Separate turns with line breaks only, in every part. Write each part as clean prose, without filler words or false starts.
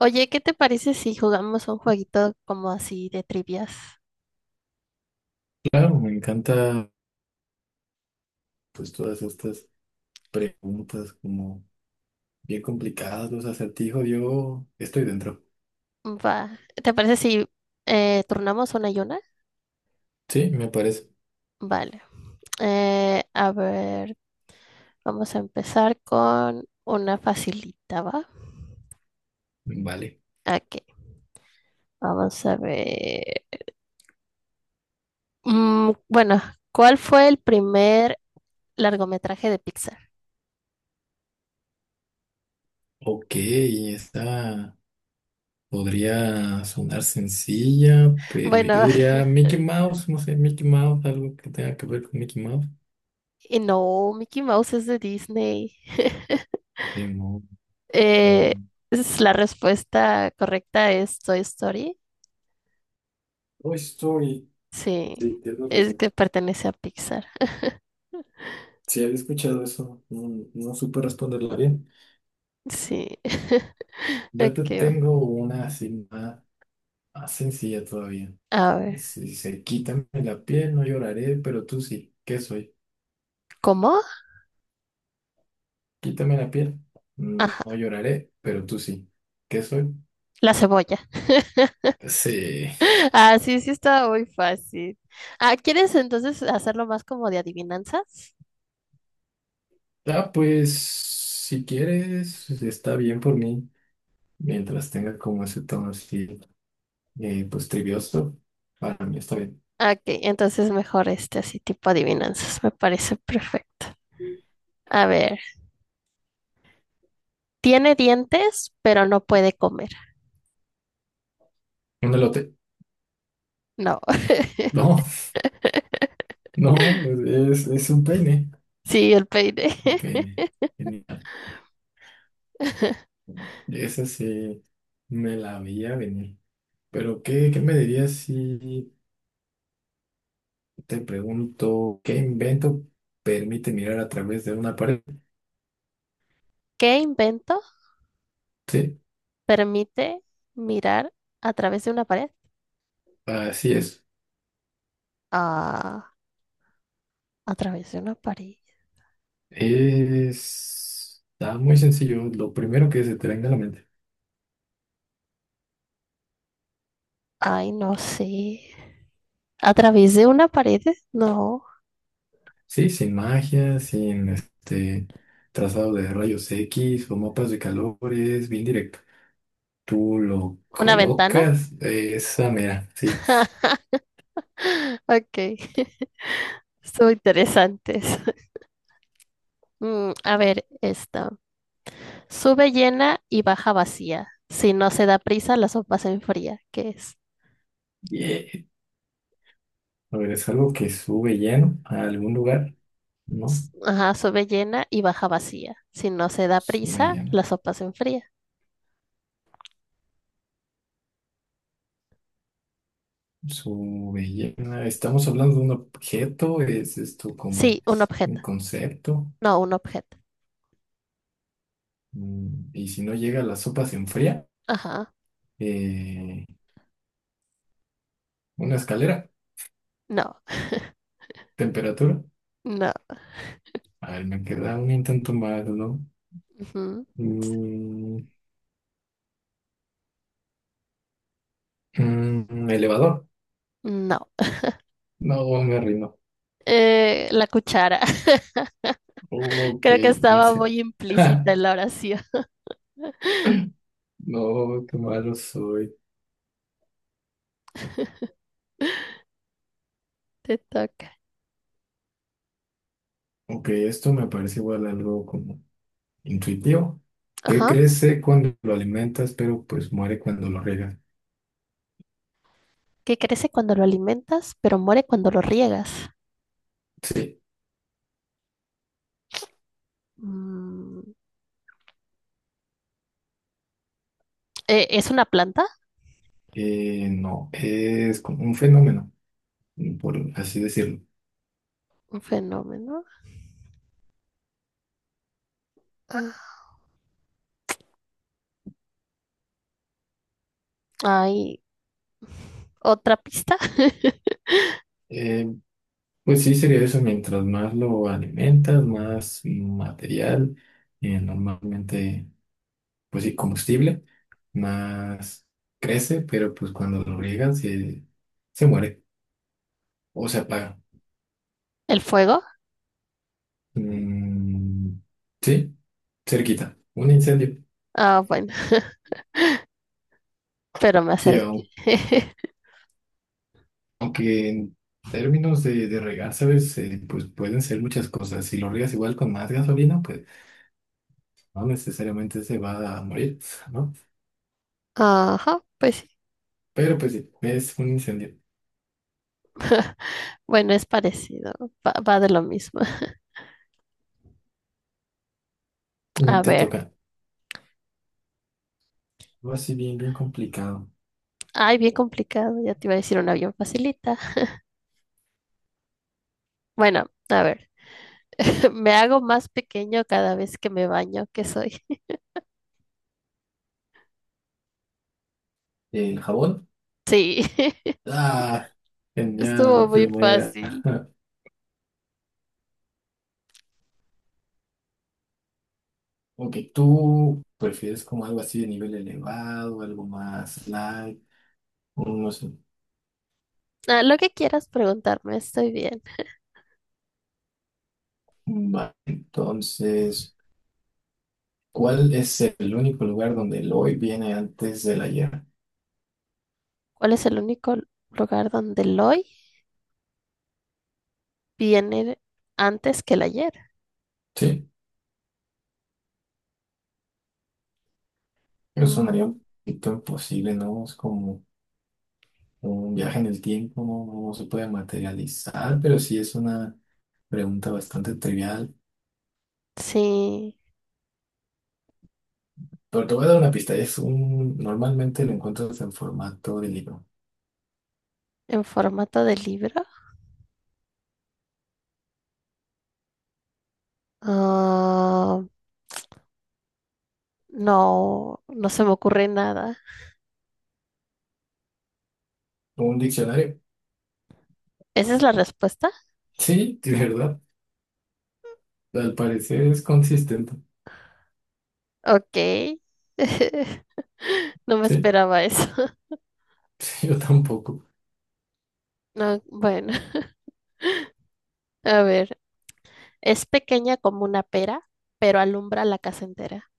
Oye, ¿qué te parece si jugamos un jueguito como así de trivias?
Claro, me encanta, pues todas estas preguntas como bien complicadas, los acertijos, yo estoy dentro.
Va. ¿Te parece si turnamos una y una?
Sí, me parece.
Vale. Eh, a ver, vamos a empezar con una facilita, ¿va?
Vale.
Aquí. Vamos a ver. Mm, bueno, ¿Cuál fue el primer largometraje de Pixar?
Ok, esta podría sonar sencilla, pero yo
Bueno,
diría Mickey Mouse, no sé, Mickey Mouse, algo que tenga que ver con Mickey Mouse.
y no, Mickey Mouse es de Disney.
De mo-
Eh,
mm,
es la respuesta correcta es Toy Story.
Toy Story.
Sí,
Sí, tienes
es
razón.
que pertenece a Pixar.
Si había escuchado eso, no, no supe responderla bien.
Sí.
Yo te
Aquí va.
tengo una así más sencilla todavía.
A ver.
Si dice, quítame la piel, no lloraré, pero tú sí. ¿Qué soy?
¿Cómo?
Quítame la piel, no
Ajá,
lloraré, pero tú sí. ¿Qué soy?
la cebolla.
Sí.
Ah, sí, sí está muy fácil. Ah, ¿quieres entonces hacerlo más como de adivinanzas?
Ah, pues si quieres, está bien por mí. Mientras tenga como ese tono así, pues trivioso, para mí está bien.
Ah, ok, entonces mejor este así tipo adivinanzas, me parece perfecto. A ver, tiene dientes, pero no puede comer.
Un elote.
No,
No, no, es un peine.
sí, el peine.
Un peine. Genial. Esa sí me la veía venir. Pero, ¿qué me dirías si... Te pregunto, ¿qué invento permite mirar a través de una pared?
¿Qué invento
Sí,
permite mirar a través de una pared?
así es.
Ah. A través de una pared.
Es... Está muy sencillo, lo primero que se te venga a la mente.
Ay, no sé. ¿A través de una pared? No.
Sí, sin magia, sin este trazado de rayos X o mapas de calores, bien directo. Tú lo
¿Una ventana?
colocas, esa mera, sí.
Ok. Estuvo interesantes. A ver, esta. Sube llena y baja vacía. Si no se da prisa, la sopa se enfría. ¿Qué es?
Bien. A ver, es algo que sube lleno a algún lugar, ¿no?
Ajá, sube llena y baja vacía. Si no se da
Sube
prisa, la
lleno.
sopa se enfría.
Su belleza. Estamos hablando de un objeto, es esto como
Sí, un objeto.
un concepto.
No, un objeto.
Y si no llega la sopa se enfría.
Ajá.
Eh, una escalera,
No,
temperatura.
no.
A ver, me queda un intento más, ¿no?
Ujú.
Mm, elevador.
No.
No, me rindo.
La cuchara.
Ok,
Creo que
no
estaba
sé.
muy
Ja,
implícita en la oración.
no, qué malo soy.
Te toca.
Ok, esto me parece igual algo como intuitivo. ¿Qué
Ajá.
crece cuando lo alimentas, pero pues muere cuando lo riegas?
Que crece cuando lo alimentas, pero muere cuando lo riegas.
Sí,
Mm, ¿es una planta?
no, es como un fenómeno, por así decirlo.
Un fenómeno. Ah, hay otra pista.
Eh, pues sí, sería eso, mientras más lo alimentas, más material, normalmente, pues sí, combustible, más crece, pero pues cuando lo riegan se muere o se apaga.
El fuego.
Mm, sí, cerquita, un incendio.
Ah, bueno, pero me
Sí,
acerqué.
aunque en términos de regar, ¿sabes? Pues pueden ser muchas cosas. Si lo riegas igual con más gasolina, pues no necesariamente se va a morir, ¿no?
Ajá, pues sí.
Pero pues sí, es un incendio.
Bueno, es parecido. Va, va de lo mismo. A
Te
ver.
toca. Algo así bien, bien complicado.
Ay, bien complicado. Ya te iba a decir una bien facilita. Bueno, a ver. Me hago más pequeño cada vez que me baño. ¿Qué soy?
¿El jabón?
Sí,
Ah, genial, a la
estuvo muy
primera.
fácil.
Ok, ¿tú prefieres como algo así de nivel elevado, algo más light? No sé.
Ah, lo que quieras preguntarme, estoy bien.
Va, entonces, ¿cuál es el único lugar donde el hoy viene antes del ayer?
¿Cuál es el único lugar donde el hoy viene antes que el ayer?
Sí, pero sonaría
Mm,
un poquito imposible, ¿no? Es como un viaje en el tiempo, no, no se puede materializar, pero sí es una pregunta bastante trivial.
sí,
Pero te voy a dar una pista, normalmente lo encuentras en formato de libro.
en formato de libro. Ah, no, no se me ocurre nada.
Un diccionario.
¿Esa es la respuesta?
Sí, de verdad. Al parecer es consistente.
Ok. No me
Sí,
esperaba eso.
yo tampoco.
No, bueno, a ver. Es pequeña como una pera, pero alumbra la casa entera.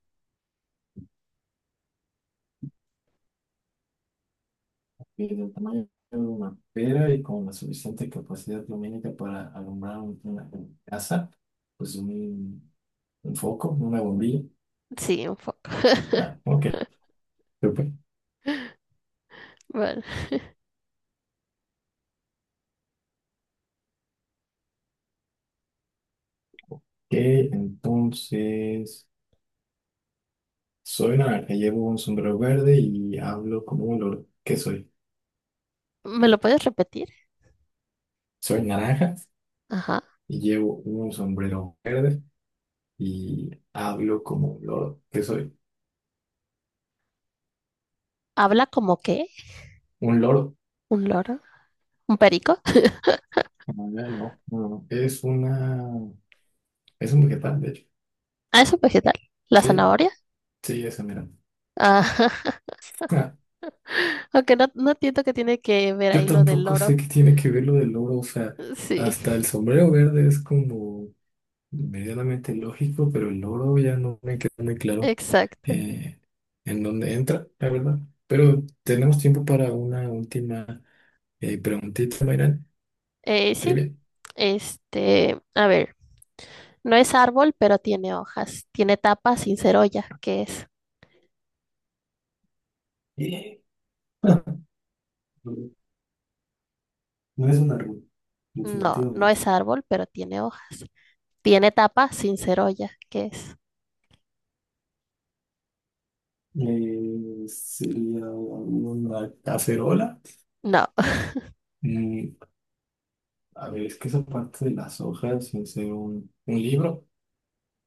Y del tamaño de una pera y con la suficiente capacidad lumínica para alumbrar una casa, pues un, un foco, una bombilla.
Sí, un poco.
Ah, ok. Yo, pues,
Bueno.
que entonces soy naranja, llevo un sombrero verde y hablo como un loro. ¿Qué soy?
¿Me lo puedes repetir?
Soy naranja
Ajá.
y llevo un sombrero verde y hablo como un loro. ¿Qué soy?
¿Habla como qué?
¿Un loro?
¿Un loro? ¿Un perico?
Ah, ya, no, no, no. Es una... Es un vegetal, de hecho.
Ah, es un vegetal. ¿La
Sí,
zanahoria?
sí, esa, mira.
Ajá.
Ah,
Aunque no, no entiendo que tiene que ver
yo
ahí lo del
tampoco
loro.
sé qué tiene que ver lo del loro, o sea,
Sí,
hasta el sombrero verde es como... medianamente lógico, pero el logro ya no me queda muy claro
exacto.
eh, en dónde entra, la verdad. Pero tenemos tiempo para una última preguntita, Mayran.
Sí,
Trivia.
este, a ver, no es árbol, pero tiene hojas. Tiene tapa sin ser olla. ¿Qué es?
Eh, ah, No es una rubia,
No, no
definitivamente.
es árbol, pero tiene hojas. Tiene tapa sin ser olla. ¿Qué es?
Sería una cacerola.
No,
Mm, a ver, es que esa parte de las hojas, sin ser un libro.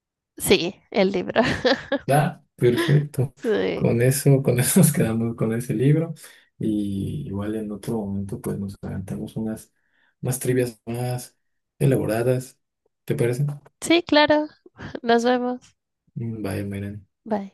sí, el libro.
Ah, perfecto.
Sí,
Con eso nos quedamos con ese libro. Y igual en otro momento, pues nos aventamos unas trivias más elaboradas. ¿Te parece?
sí, claro. Nos vemos.
Mm, vaya, miren.
Bye.